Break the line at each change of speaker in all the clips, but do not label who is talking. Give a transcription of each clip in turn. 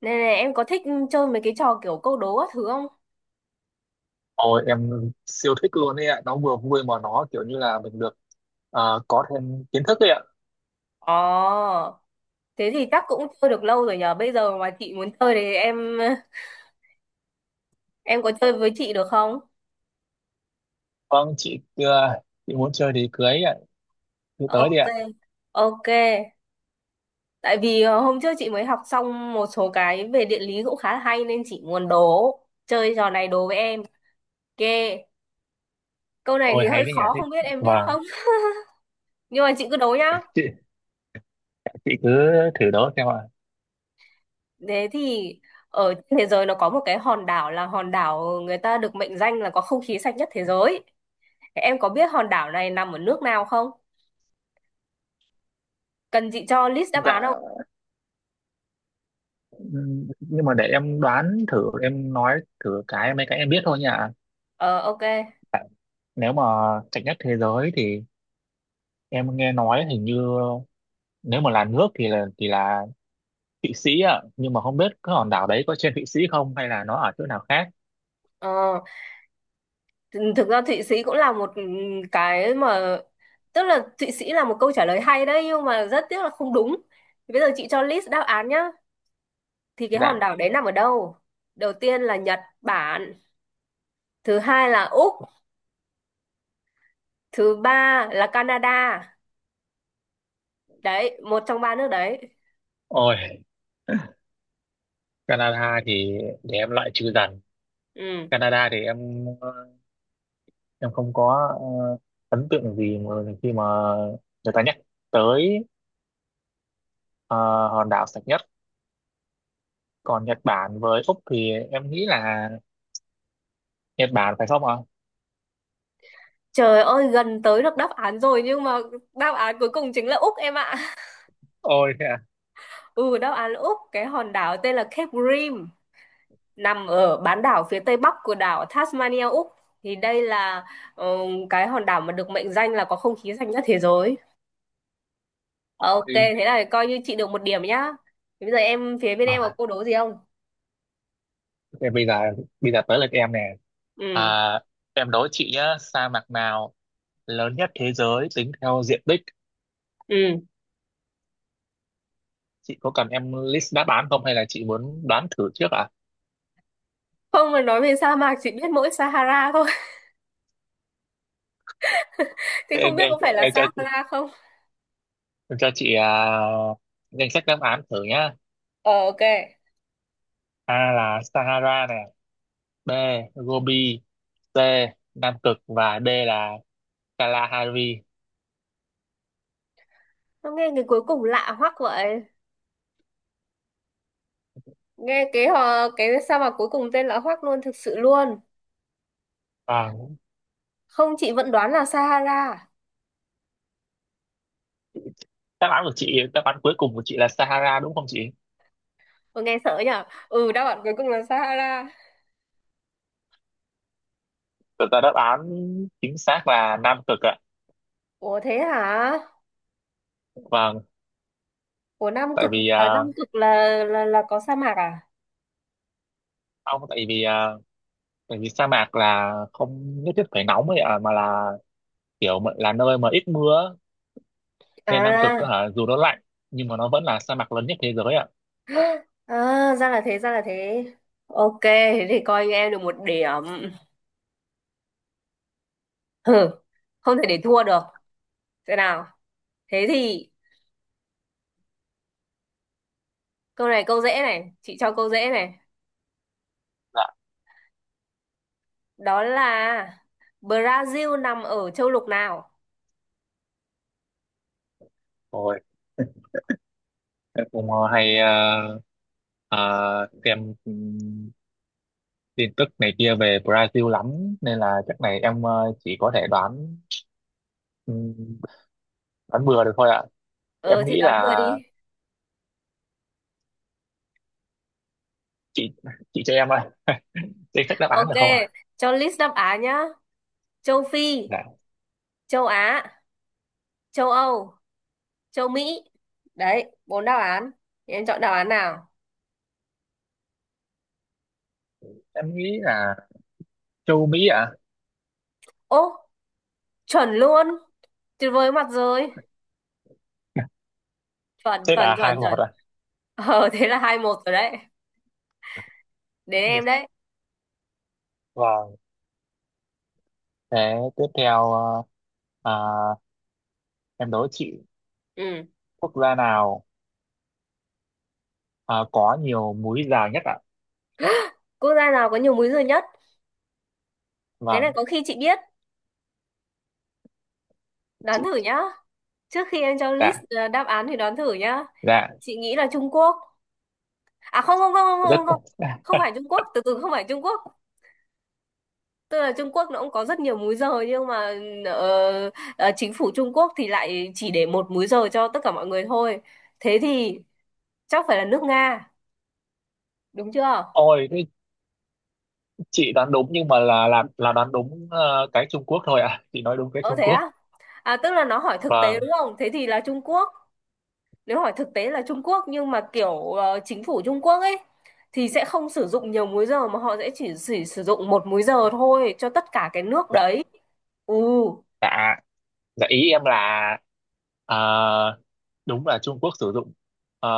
Này này, em có thích chơi mấy cái trò kiểu câu đố các thứ không?
Ôi em siêu thích luôn ấy ạ, nó vừa vui mà nó kiểu như là mình được có thêm kiến thức ấy ạ.
Ồ, thế thì chắc cũng chơi được lâu rồi nhờ. Bây giờ mà chị muốn chơi thì em có chơi với chị được không?
Vâng, chị muốn chơi thì cưới ấy ạ, cứ tới đi
Ok,
ạ.
ok. Tại vì hôm trước chị mới học xong một số cái về địa lý cũng khá là hay nên chị muốn đố. Chơi trò này đố với em. Ok, câu này
Ôi
thì
hay
hơi
đấy nhỉ,
khó
thích.
không biết em biết
Vâng,
không? Nhưng mà chị cứ đố nhá.
chị, chị cứ thử đó xem ạ.
Thế thì ở trên thế giới nó có một cái hòn đảo, là hòn đảo người ta được mệnh danh là có không khí sạch nhất thế giới. Thế em có biết hòn đảo này nằm ở nước nào không? Cần chị cho list đáp án không?
Dạ, nhưng mà để em đoán thử, em nói thử cái mấy cái em biết thôi nhỉ.
Ờ ok.
Nếu mà chạy nhất thế giới thì em nghe nói hình như nếu mà là nước thì là Thụy Sĩ ạ, nhưng mà không biết cái hòn đảo đấy có trên Thụy Sĩ không hay là nó ở chỗ nào khác.
Ờ, thực ra Thụy Sĩ cũng là một cái mà tức là Thụy Sĩ là một câu trả lời hay đấy nhưng mà rất tiếc là không đúng. Thì bây giờ chị cho list đáp án nhá. Thì cái hòn
Dạ.
đảo đấy nằm ở đâu? Đầu tiên là Nhật Bản, thứ hai là Úc, thứ ba là Canada. Đấy, một trong ba nước đấy.
Ôi, Canada thì để em loại trừ dần.
Ừ.
Canada thì em không có ấn tượng gì mà khi mà người ta nhắc tới ờ, hòn đảo sạch nhất, còn Nhật Bản với Úc thì em nghĩ là Nhật Bản phải không ạ?
Trời ơi, gần tới được đáp án rồi nhưng mà đáp án cuối cùng chính là Úc em ạ.
Ôi thế à.
Ừ, đáp án Úc, cái hòn đảo tên là Cape Grim, nằm ở bán đảo phía tây bắc của đảo Tasmania Úc. Thì đây là ờ, cái hòn đảo mà được mệnh danh là có không khí sạch nhất thế giới. Ok,
Ôi.
thế là coi như chị được một điểm nhá. Thế bây giờ em phía bên em
Ờ,
có câu đố gì không?
thế bây giờ tới lượt em nè. à,
Ừ,
em đố chị nhá, sa mạc nào lớn nhất thế giới tính theo diện tích?
ừ.
Chị có cần em list đáp án không hay là chị muốn đoán thử trước ạ à?
Không, mà nói về sa mạc chỉ biết mỗi Sahara thôi. Thì
Em,
không biết
em,
có phải là
em cho
Sahara không?
Tôi cho chị danh sách đáp án thử nhá.
Ờ, ok.
A là Sahara này, B Gobi, C Nam Cực và D là Kalahari.
Nó nghe cái cuối cùng lạ hoắc vậy. Nghe cái cái sa mạc cuối cùng tên lạ hoắc luôn, thực sự luôn.
À,
Không, chị vẫn đoán là Sahara.
đáp án của chị, đáp án cuối cùng của chị là Sahara đúng không chị?
Ủa, nghe sợ nhở. Ừ, đáp án cuối cùng là Sahara.
Thực ra đáp án chính xác là Nam Cực ạ.
Ủa thế hả?
Vâng,
Ủa Nam
tại
Cực
vì
à?
à,
Nam Cực là có sa mạc à?
ông tại vì à, tại vì sa mạc là không nhất thiết phải nóng ấy ạ, mà là là nơi mà ít mưa ấy. Nên Nam Cực á
À,
hả, dù nó lạnh nhưng mà nó vẫn là sa mạc lớn nhất thế giới ạ.
à, ra là thế, ra là thế. Ok, thế thì coi như em được một điểm. Hừ, không thể để thua được. Thế nào, thế thì câu này câu dễ này, chị cho câu dễ này.
Dạ.
Đó là Brazil nằm ở châu lục nào?
Ôi, em cũng ờ, xem tin tức này kia về Brazil lắm nên là chắc này em chỉ có thể đoán, ừm, đoán bừa được thôi ạ.
Ờ
Em
thì
nghĩ
đoán
là
vừa đi.
chị chị cho em danh sách đáp án
Ok,
được không ạ?
cho list đáp án nhá. Châu Phi,
Dạ.
châu Á, châu Âu, châu Mỹ, đấy bốn đáp án. Thì em chọn đáp án nào?
Em nghĩ là châu Mỹ ạ.
Ô, chuẩn luôn, tuyệt vời mặt rồi. Chuẩn,
Thế
chuẩn,
là hai
chuẩn,
một
chuẩn.
ạ.
Ờ thế là 2-1 rồi đấy, đến em đấy.
Vâng. Thế tiếp theo à, em đố chị
Ừ.
quốc gia nào có nhiều múi giờ nhất ạ?
Quốc gia nào có nhiều múi giờ nhất? Cái này
Vâng,
có khi chị biết, đoán
chị.
thử nhá. Trước khi em cho list
Dạ.
đáp án thì đoán thử nhá.
Dạ.
Chị nghĩ là Trung Quốc. À, không, không, không, không,
Rất
không, không, không phải Trung Quốc. Từ từ, không phải Trung Quốc. Tức là Trung Quốc nó cũng có rất nhiều múi giờ nhưng mà ờ, chính phủ Trung Quốc thì lại chỉ để một múi giờ cho tất cả mọi người thôi. Thế thì chắc phải là nước Nga, đúng chưa?
ôi thế chị đoán đúng nhưng mà là đoán đúng cái Trung Quốc thôi ạ, chị nói đúng cái
Ờ
Trung
thế
Quốc.
á? À tức là nó hỏi thực tế
Vâng.
đúng không? Thế thì là Trung Quốc. Nếu hỏi thực tế là Trung Quốc nhưng mà kiểu chính phủ Trung Quốc ấy thì sẽ không sử dụng nhiều múi giờ mà họ sẽ chỉ sử dụng một múi giờ thôi cho tất cả cái nước
Dạ.
đấy. Ừ.
Dạ dạ ý em là, à, đúng là Trung Quốc sử dụng ờ,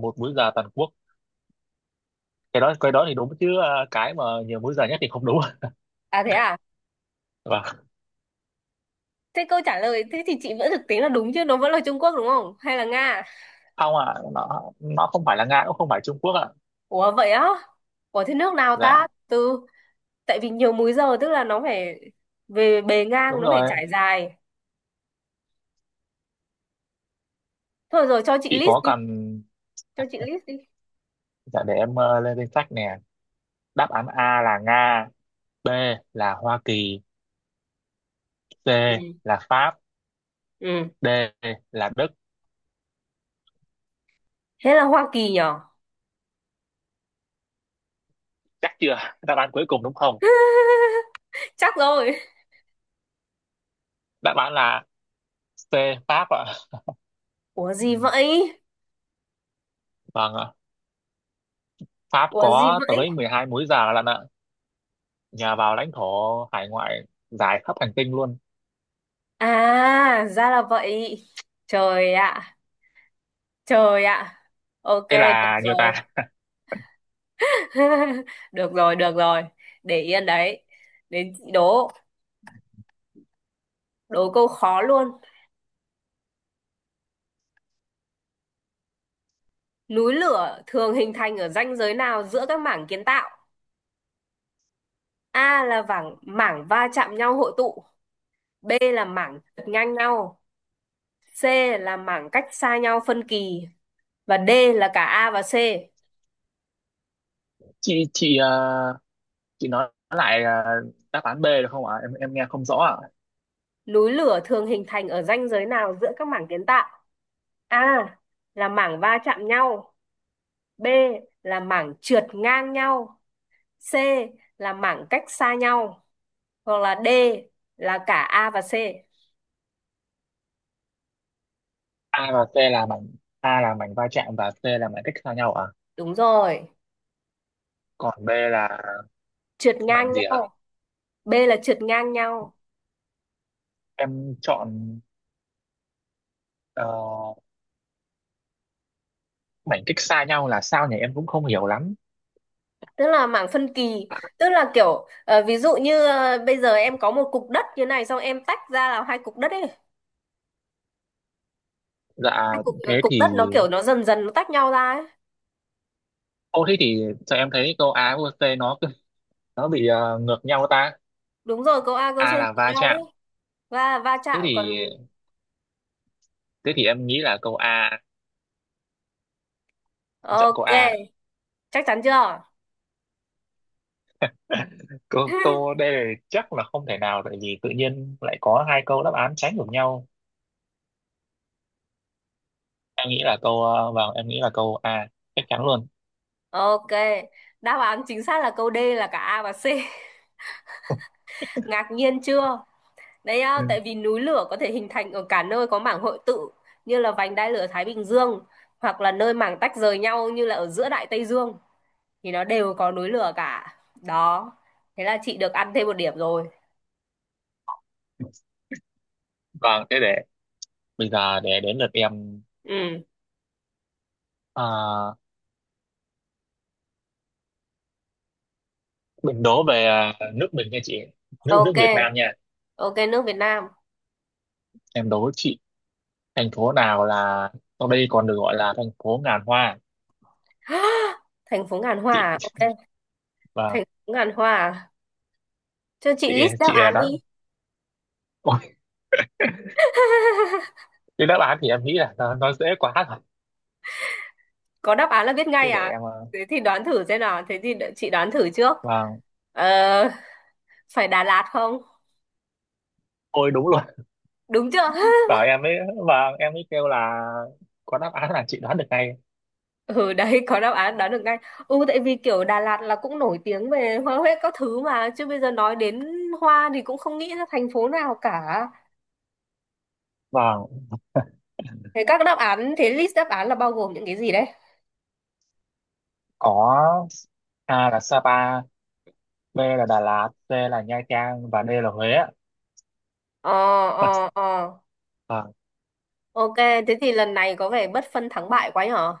một múi giờ toàn quốc, cái đó thì đúng, chứ cái mà nhiều múi giờ nhất thì không đúng.
À?
Vâng.
Thế câu trả lời thế thì chị vẫn thực tế là đúng chứ, nó vẫn là Trung Quốc đúng không? Hay là Nga?
Không ạ, nó không phải là Nga cũng không phải Trung Quốc ạ.
Ủa vậy á? Ủa thế nước nào
Dạ
ta? Tại vì nhiều múi giờ tức là nó phải về bề ngang,
đúng
nó phải
rồi.
trải dài. Thôi rồi, cho chị
Chị
list
có
đi,
cần?
cho chị list đi.
Dạ để em lên danh sách nè. Đáp án A là Nga, B là Hoa Kỳ,
Ừ.
C là Pháp,
Ừ.
D là Đức.
Thế là Hoa Kỳ nhở?
Chắc chưa, đáp án cuối cùng đúng không?
Chắc rồi.
Đáp án là C, Pháp ạ.
Ủa
Ừ,
gì vậy?
vâng ạ. Pháp
Ủa gì
có
vậy?
tới 12 múi giờ lận ạ, nhờ vào lãnh thổ hải ngoại dài khắp hành tinh luôn.
À, ra là vậy. Trời ạ, trời ạ. Ok,
Thế
được
là nhiều ta.
rồi. Được rồi, được rồi. Để yên đấy. Đến chị đố, đố câu khó luôn. Núi lửa thường hình thành ở ranh giới nào giữa các mảng kiến tạo? A là mảng mảng va chạm nhau hội tụ, B là mảng trượt ngang nhau, C là mảng cách xa nhau phân kỳ và D là cả A và C.
Chị, chị nói lại đáp án B được không ạ? Em nghe không rõ ạ.
Núi lửa thường hình thành ở ranh giới nào giữa các mảng kiến tạo? A là mảng va chạm nhau, B là mảng trượt ngang nhau, C là mảng cách xa nhau, hoặc là D là cả A và C.
A và C là mảnh, A là mảnh va chạm và C là mảnh cách xa nhau ạ,
Đúng rồi,
còn B là
trượt
mảnh
ngang
gì ạ?
nhau. B là trượt ngang nhau,
Em chọn ờ, mảnh cách xa nhau là sao nhỉ, em cũng không hiểu lắm.
tức là mảng phân kỳ, tức là kiểu ví dụ như bây giờ em có một cục đất như này xong em tách ra là hai cục đất ấy,
Dạ
hai cục ờ,
thế
cục
thì,
đất nó kiểu nó dần dần nó tách nhau ra ấy.
ô thế thì sao em thấy câu Á với T nó bị ngược nhau ta?
Đúng rồi, câu A câu C
A là
trượt
va
nhau ấy
chạm.
và va
Thế
chạm còn.
thì thế thì em nghĩ là câu A, em chọn câu
Ok,
A.
chắc chắn chưa?
Câu câu đây là chắc là không thể nào, tại vì tự nhiên lại có hai câu đáp án trái ngược nhau. Em nghĩ là vâng, em nghĩ là câu A chắc chắn luôn.
Ok, đáp án chính xác là câu D là cả A và C. Ngạc nhiên chưa? Đấy à,
Ừ.
tại vì núi lửa có thể hình thành ở cả nơi có mảng hội tụ, như là vành đai lửa Thái Bình Dương, hoặc là nơi mảng tách rời nhau như là ở giữa Đại Tây Dương, thì nó đều có núi lửa cả. Đó. Thế là chị được ăn thêm một điểm rồi.
Vâng, thế để bây giờ để đến lượt em.
Ừ.
Ờ, mình đố về nước mình nha chị, nước nước
Ok.
Việt Nam nha.
Ok, nước Việt Nam.
Em đố chị thành phố nào là sau đây còn được gọi là thành phố ngàn hoa.
Thành phố ngàn hoa
Chị.
à? Ok.
Và
Thành phố ngàn hoa à? Cho chị
chị
list đáp
chị
án đi.
đó, ôi, cái đáp án thì em nghĩ là nó dễ quá rồi.
Có đáp án là biết
Thế
ngay
để
à?
em
Thế thì đoán thử xem nào. Thế thì đợi chị đoán thử trước.
vâng,
Ờ, phải Đà Lạt không?
ôi đúng luôn.
Đúng chưa?
Bảo em ấy, vâng, em ấy kêu là có đáp án là chị đoán được ngay.
Ừ đấy, có đáp án đoán được ngay. Ừ, tại vì kiểu Đà Lạt là cũng nổi tiếng về hoa huế các thứ mà, chứ bây giờ nói đến hoa thì cũng không nghĩ ra thành phố nào cả.
Vâng.
Thế các đáp án, thế list đáp án là bao gồm những cái gì đấy?
Có, A là Sapa, B là Đà Lạt, C là Nha Trang và D là Huế ạ.
ờ ờ ờ
Vâng.
ok, thế thì lần này có vẻ bất phân thắng bại quá nhở.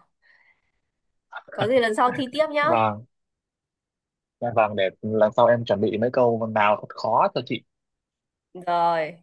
Có gì lần sau thi tiếp nhá.
Vâng, dạ vâng, để lần sau em chuẩn bị mấy câu nào thật khó cho chị.
Rồi.